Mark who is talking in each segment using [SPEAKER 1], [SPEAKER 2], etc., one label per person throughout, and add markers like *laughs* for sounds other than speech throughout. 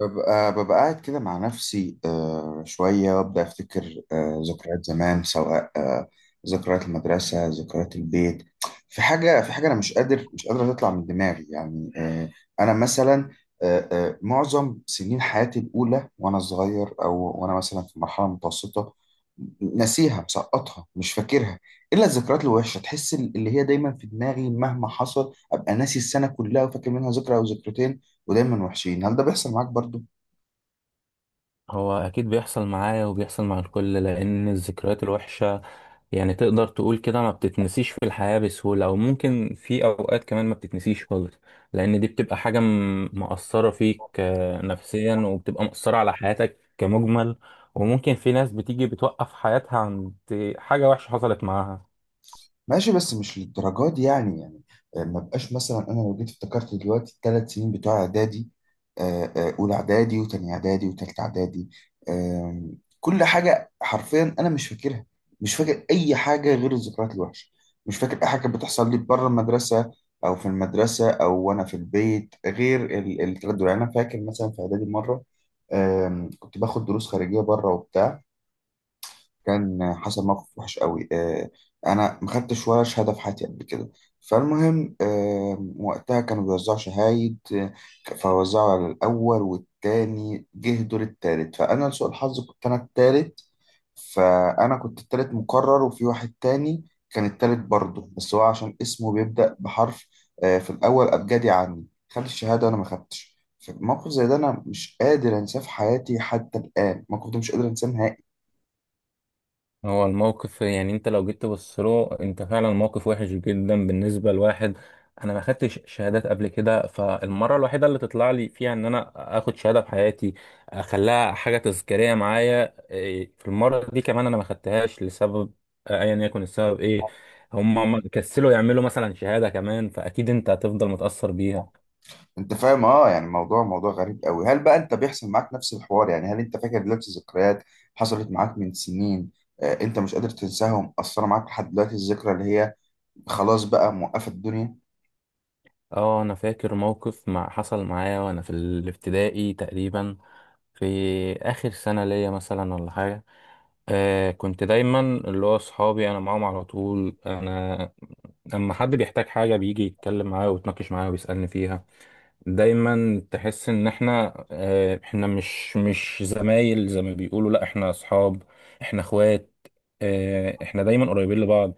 [SPEAKER 1] ببقى قاعد كده مع نفسي، شوية وأبدأ أفتكر ذكريات زمان، سواء ذكريات المدرسة، ذكريات البيت. في حاجة أنا مش قادر تطلع من دماغي، يعني أنا مثلا، معظم سنين حياتي الأولى، وأنا صغير، أو وأنا مثلا في مرحلة متوسطة، ناسيها، مسقطها، مش فاكرها إلا الذكريات الوحشة. تحس اللي هي دايما في دماغي. مهما حصل أبقى ناسي السنة كلها وفاكر منها ذكرى أو ذكرتين، ودايما وحشين. هل ده بيحصل معاك برضو؟
[SPEAKER 2] هو أكيد بيحصل معايا وبيحصل مع الكل، لأن الذكريات الوحشة يعني تقدر تقول كده ما بتتنسيش في الحياة بسهولة، أو ممكن في أوقات كمان ما بتتنسيش خالص. لأن دي بتبقى حاجة مأثرة فيك، نفسيا، وبتبقى مأثرة على حياتك كمجمل. وممكن في ناس بتيجي بتوقف حياتها عند حاجة وحشة حصلت معاها.
[SPEAKER 1] ماشي، بس مش للدرجات دي. يعني ما بقاش، مثلا انا لو جيت افتكرت دلوقتي 3 سنين بتوع اعدادي، اولى اعدادي، وتاني اعدادي، وتالت اعدادي. كل حاجه حرفيا انا مش فاكرها. مش فاكر اي حاجه غير الذكريات الوحشه. مش فاكر اي حاجه كانت بتحصل لي بره المدرسه، او في المدرسه، او وانا في البيت، غير الثلاث دول. يعني انا فاكر مثلا في اعدادي مره، كنت باخد دروس خارجيه بره وبتاع. كان حصل موقف وحش قوي. انا ما خدتش ولا شهاده في حياتي قبل كده. فالمهم، وقتها كانوا بيوزعوا شهايد. فوزعوا على الاول والتاني، جه دور التالت، فانا لسوء الحظ كنت انا التالت. فانا كنت التالت مقرر، وفي واحد تاني كان التالت برضه، بس هو عشان اسمه بيبدا بحرف في الاول ابجدي عني، خد الشهاده وانا ما خدتش. موقف زي ده انا مش قادر انساه في حياتي حتى الان. الموقف ده مش قادر انساه نهائي.
[SPEAKER 2] هو الموقف يعني انت لو جيت تبص له انت فعلا موقف وحش جدا بالنسبه لواحد. انا ما خدتش شهادات قبل كده، فالمره الوحيده اللي تطلع لي فيها ان انا اخد شهاده في حياتي اخليها حاجه تذكاريه معايا، إيه، في المره دي كمان انا ما خدتهاش لسبب ايا يكن السبب ايه. هم كسلوا يعملوا مثلا شهاده كمان، فاكيد انت هتفضل متاثر بيها.
[SPEAKER 1] انت فاهم؟ اه يعني موضوع غريب قوي. هل بقى انت بيحصل معاك نفس الحوار؟ يعني هل انت فاكر دلوقتي ذكريات حصلت معاك من سنين، انت مش قادر تنساها ومأثرة معاك لحد دلوقتي؟ الذكرى اللي هي خلاص بقى موقفة الدنيا؟
[SPEAKER 2] اه، انا فاكر موقف مع حصل معايا وانا في الابتدائي تقريبا، في آخر سنة ليا مثلا ولا حاجة. آه، كنت دايما اللي هو صحابي أنا معاهم على طول، أنا لما حد بيحتاج حاجة بيجي يتكلم معايا ويتناقش معايا ويسألني فيها. دايما تحس ان احنا، احنا مش زمايل زي ما بيقولوا، لا احنا اصحاب، احنا اخوات. آه، احنا دايما قريبين لبعض.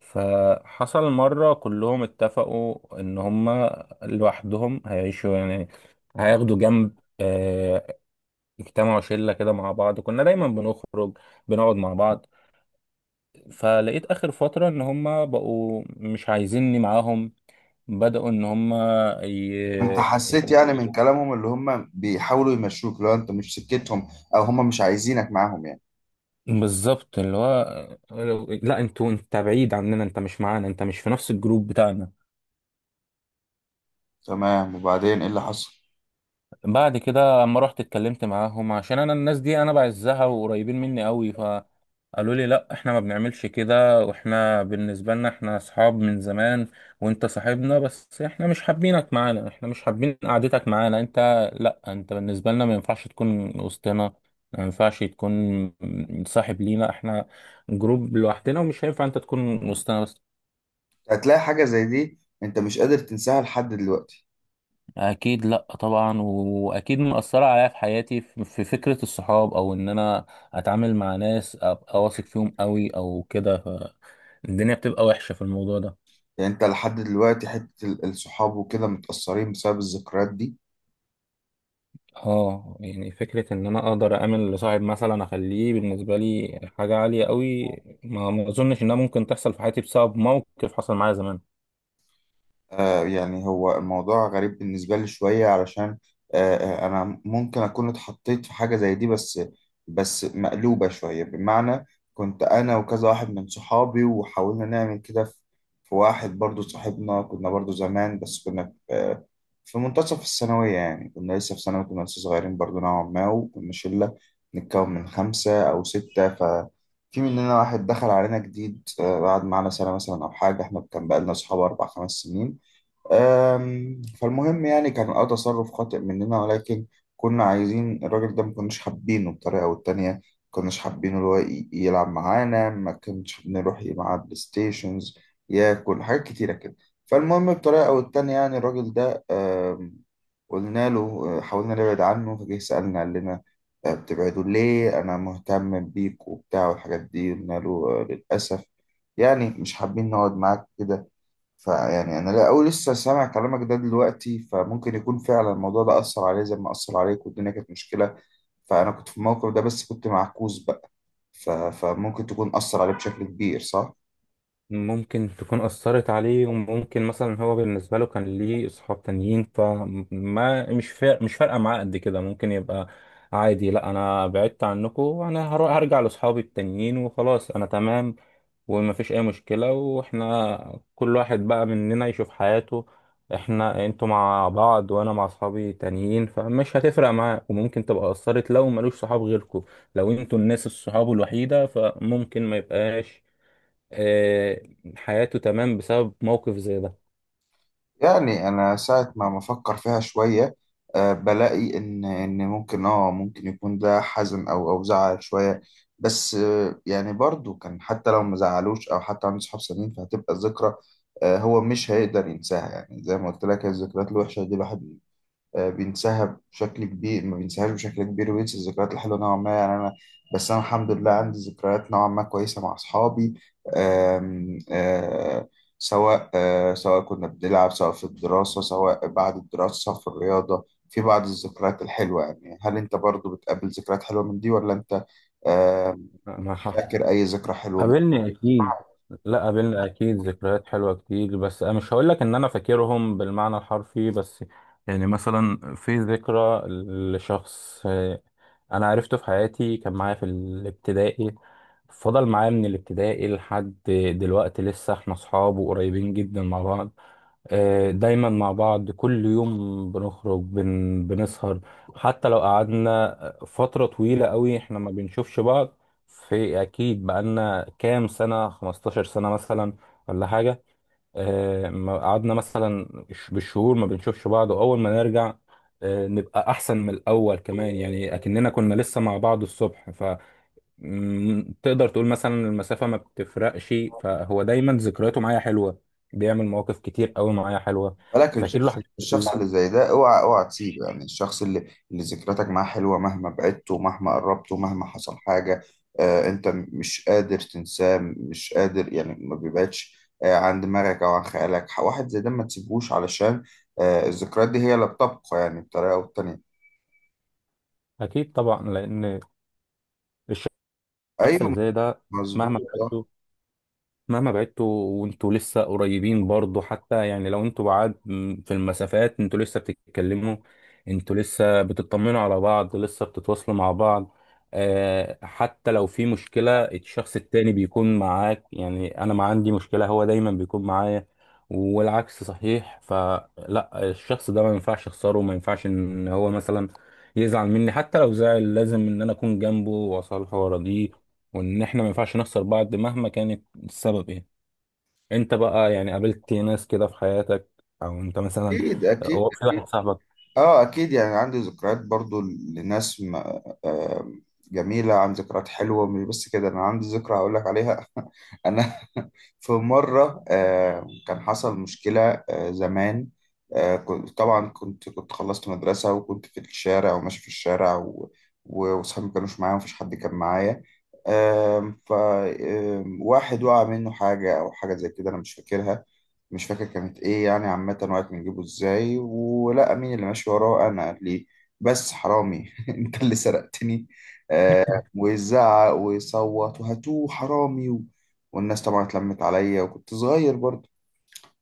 [SPEAKER 2] فحصل مرة كلهم اتفقوا ان هما لوحدهم هيعيشوا يعني، هياخدوا جنب. اجتمعوا شلة كده مع بعض، كنا دايما بنخرج بنقعد مع بعض. فلقيت آخر فترة إن هما بقوا مش عايزيني معاهم، بدأوا إن هما
[SPEAKER 1] انت حسيت يعني من كلامهم اللي هم بيحاولوا يمشوك لو انت مش سكتهم، او هم مش عايزينك معاهم يعني؟
[SPEAKER 2] بالظبط اللي هو لا انتوا، انت بعيد عننا، انت مش معانا، انت مش في نفس الجروب بتاعنا.
[SPEAKER 1] تمام، وبعدين ايه اللي حصل؟
[SPEAKER 2] بعد كده اما رحت اتكلمت معاهم عشان انا الناس دي انا بعزها وقريبين مني قوي، فقالوا لي لا احنا ما بنعملش كده، واحنا بالنسبة لنا احنا اصحاب من زمان، وانت صاحبنا، بس احنا مش حابينك معانا، احنا مش حابين قعدتك معانا، انت لا انت بالنسبة لنا ما ينفعش تكون وسطنا، ما ينفعش تكون صاحب لينا، احنا جروب لوحدنا ومش هينفع انت تكون وسطنا بس.
[SPEAKER 1] هتلاقي حاجة زي دي انت مش قادر تنساها لحد دلوقتي.
[SPEAKER 2] اكيد، لا طبعا، واكيد مأثرة عليا في حياتي، في في فكرة الصحاب، او ان انا اتعامل مع ناس ابقى واثق فيهم قوي او كده. الدنيا بتبقى وحشة في الموضوع ده.
[SPEAKER 1] يعني انت لحد دلوقتي حتة الصحاب وكده متأثرين بسبب الذكريات دي؟
[SPEAKER 2] اه يعني فكرة ان انا اقدر اعمل لصاحب مثلا اخليه بالنسبة لي حاجة عالية قوي، ما اظنش انها ممكن تحصل في حياتي بسبب موقف حصل معايا زمان.
[SPEAKER 1] يعني هو الموضوع غريب بالنسبة لي شوية علشان آه، أنا ممكن أكون اتحطيت في حاجة زي دي، بس مقلوبة شوية، بمعنى، كنت أنا وكذا واحد من صحابي، وحاولنا نعمل كده في واحد برضو صاحبنا، كنا برضو زمان بس كنا في في منتصف الثانوية. يعني كنا لسه في ثانوي، كنا لسه صغيرين برضو نوعا ما، وكنا شلة نتكون من 5 أو 6. ففي مننا واحد دخل علينا جديد، قعد معانا سنة مثلا أو حاجة. إحنا كان بقالنا أصحاب 4 5 سنين. فالمهم، يعني كان تصرف خاطئ مننا، ولكن كنا عايزين الراجل ده، ما كناش حابينه. بطريقة أو التانية ما كناش حابينه اللي هو يلعب معانا، ما كناش بنروح معاه بلاي ستيشنز، ياكل حاجات كتيرة كده. فالمهم، بطريقة أو التانية يعني الراجل ده، قلنا له، حاولنا نبعد عنه. فجه سألنا، قال لنا، بتبعدوا ليه؟ أنا مهتم بيك وبتاع والحاجات دي. قلنا له للأسف، يعني مش حابين نقعد معاك كده. فيعني انا، لا، أول لسه سامع كلامك ده دلوقتي، فممكن يكون فعلا الموضوع ده اثر عليه زي ما اثر عليك، والدنيا كانت مشكله. فانا كنت في الموقف ده بس كنت معكوس بقى. فممكن تكون اثر عليه بشكل كبير، صح؟
[SPEAKER 2] ممكن تكون أثرت عليه، وممكن مثلا هو بالنسبة له كان ليه أصحاب تانيين، فما مش فارقة معاه قد كده، ممكن يبقى عادي، لا أنا بعدت عنكم وأنا هرجع لأصحابي التانيين وخلاص أنا تمام، ومفيش أي مشكلة، وإحنا كل واحد بقى مننا يشوف حياته، إحنا أنتوا مع بعض وأنا مع أصحابي تانيين، فمش هتفرق معاه. وممكن تبقى أثرت لو ملوش صحاب غيركم، لو أنتوا الناس الصحاب الوحيدة، فممكن ما يبقاش آه، حياته تمام بسبب موقف زي ده.
[SPEAKER 1] يعني انا ساعه ما بفكر فيها شويه، بلاقي ان ممكن يكون ده حزن، او زعل شويه. بس يعني برضو كان، حتى لو ما زعلوش او حتى عنده صحاب سنين، فهتبقى الذكرى. هو مش هيقدر ينساها، يعني زي ما قلت لك الذكريات الوحشه دي الواحد بينسحب بشكل كبير، ما بينسحبش بشكل كبير وينسى الذكريات الحلوه نوعا ما. يعني انا، بس انا الحمد لله عندي ذكريات نوعا ما كويسه مع اصحابي. آم، آه، سواء سواء كنا بنلعب، سواء في الدراسه، سواء بعد الدراسه، سواء في الرياضه، في بعض الذكريات الحلوه. يعني هل انت برضو بتقابل ذكريات حلوه من دي، ولا انت آه،
[SPEAKER 2] لا، ما
[SPEAKER 1] مش
[SPEAKER 2] ح-
[SPEAKER 1] فاكر اي ذكرى حلوه؟
[SPEAKER 2] قابلني اكيد. لا، قابلني اكيد ذكريات حلوه كتير، بس انا مش هقول لك ان انا فاكرهم بالمعنى الحرفي، بس يعني مثلا في ذكرى لشخص، آه، انا عرفته في حياتي، كان معايا في الابتدائي، فضل معايا من الابتدائي لحد دلوقتي لسه احنا اصحاب وقريبين جدا مع بعض. آه، دايما مع بعض كل يوم بنخرج بنسهر. حتى لو قعدنا فترة طويلة قوي احنا ما بنشوفش بعض، في اكيد بقالنا كام سنة، 15 سنة مثلا ولا حاجة، آه، ما قعدنا مثلا بالشهور ما بنشوفش بعض، واول ما نرجع، آه، نبقى احسن من الاول كمان، يعني اكننا كنا لسه مع بعض الصبح. مم، تقدر تقول مثلا المسافة ما بتفرقش، فهو دايما ذكرياته معايا حلوة، بيعمل مواقف كتير قوي معايا حلوة،
[SPEAKER 1] بالك،
[SPEAKER 2] فاكر
[SPEAKER 1] الشخص
[SPEAKER 2] له حاجات كتير.
[SPEAKER 1] الشخص اللي زي ده اوعى اوعى تسيبه، يعني الشخص اللي ذكرياتك معاه حلوه، مهما بعدته، مهما قربته، مهما حصل حاجه، انت مش قادر تنساه، مش قادر يعني، ما بيبعدش عن دماغك او عن خيالك. واحد زي ده ما تسيبهوش، علشان الذكريات دي هي اللي بتبقى، يعني بطريقه او بتانيه.
[SPEAKER 2] أكيد طبعا، لأن الشخص اللي
[SPEAKER 1] ايوه،
[SPEAKER 2] زي ده،
[SPEAKER 1] مظبوط.
[SPEAKER 2] مهما
[SPEAKER 1] آه،
[SPEAKER 2] مهما بعدتوا وانتوا لسه قريبين برضو، حتى يعني لو انتوا بعاد في المسافات انتوا لسه بتتكلموا، انتوا لسه بتطمنوا على بعض، لسه بتتواصلوا مع بعض. آه حتى لو في مشكلة الشخص التاني بيكون معاك، يعني انا ما عندي مشكلة، هو دايما بيكون معايا والعكس صحيح. فلا الشخص ده ما ينفعش اخسره، ما ينفعش ان هو مثلا يزعل مني، حتى لو زعل لازم ان انا اكون جنبه واصالحه وارضيه، وان احنا ما ينفعش نخسر بعض مهما كانت السبب ايه. انت بقى يعني قابلت ناس كده في حياتك، او انت مثلا
[SPEAKER 1] اكيد اكيد
[SPEAKER 2] هو في
[SPEAKER 1] اكيد.
[SPEAKER 2] واحد صاحبك؟
[SPEAKER 1] اه، اكيد يعني عندي ذكريات برضو لناس آه، جميلة، عن ذكريات حلوة. مش بس كده، انا عندي ذكرى هقول لك عليها. *laughs* انا *laughs* في مرة كان حصل مشكلة زمان. كنت طبعا، كنت خلصت مدرسة، وكنت في الشارع، وماشي في الشارع، وصحابي ما كانوش معايا، ومفيش حد كان معايا. آم، ف آم، واحد وقع منه حاجة، أو حاجة زي كده أنا مش فاكرها. مش فاكر كانت ايه يعني. عامة، وقت ما نجيبه ازاي، ولا مين اللي ماشي وراه؟ انا قال لي، بس، حرامي! *laughs* انت اللي سرقتني! آه ويزعق ويصوت، وهاتوه حرامي والناس طبعا اتلمت عليا، وكنت صغير برضه.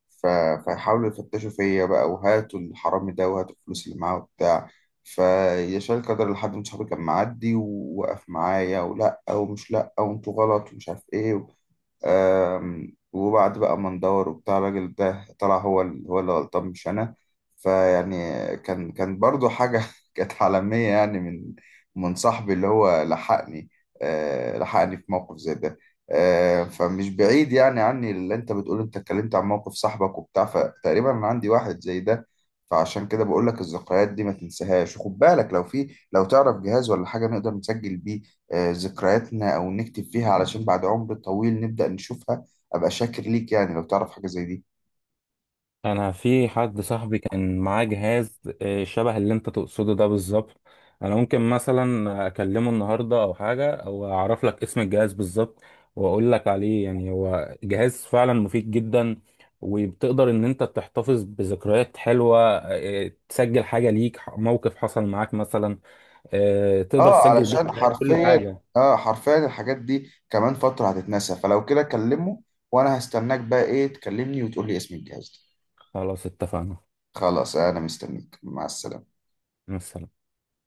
[SPEAKER 1] ف... فيحاولوا يفتشوا فيا بقى، وهاتوا الحرامي ده، وهاتوا الفلوس اللي معاه وبتاع. فيشاء القدر لحد من صحابي كان معدي، ووقف معايا، ولا ومش، لا وانتوا غلط ومش عارف ايه. آم، وبعد بقى ما ندور وبتاع، الراجل ده طلع هو هو اللي غلطان مش انا. فيعني كان برضو حاجة *laughs* كانت عالمية، يعني من صاحبي اللي هو لحقني، لحقني في موقف زي ده. فمش بعيد يعني عني اللي انت بتقول. انت اتكلمت عن موقف صاحبك وبتاع، فتقريبا انا عندي واحد زي ده. فعشان كده بقول لك الذكريات دي ما تنساهاش. وخد بالك، لو تعرف جهاز ولا حاجة نقدر نسجل بيه ذكرياتنا، او نكتب فيها، علشان بعد عمر طويل نبدأ نشوفها، ابقى شاكر ليك يعني لو تعرف حاجة زي دي.
[SPEAKER 2] انا في حد صاحبي كان معاه جهاز، آه، شبه اللي انت تقصده ده بالظبط. انا ممكن مثلا اكلمه النهارده او حاجه او اعرف لك اسم الجهاز بالظبط واقول لك عليه. يعني هو جهاز فعلا مفيد جدا، وبتقدر ان انت تحتفظ بذكريات حلوه، آه، تسجل حاجه ليك، موقف حصل معاك مثلا، آه، تقدر
[SPEAKER 1] اه،
[SPEAKER 2] تسجل بيه
[SPEAKER 1] علشان
[SPEAKER 2] حاجات، كل
[SPEAKER 1] حرفيا،
[SPEAKER 2] حاجه.
[SPEAKER 1] اه حرفيا الحاجات دي كمان فترة هتتنسى، فلو كده كلمه. وانا هستناك بقى، ايه، تكلمني وتقول لي اسم الجهاز
[SPEAKER 2] خلاص اتفقنا،
[SPEAKER 1] ده. خلاص، انا مستنيك. مع السلامة.
[SPEAKER 2] مع السلامة.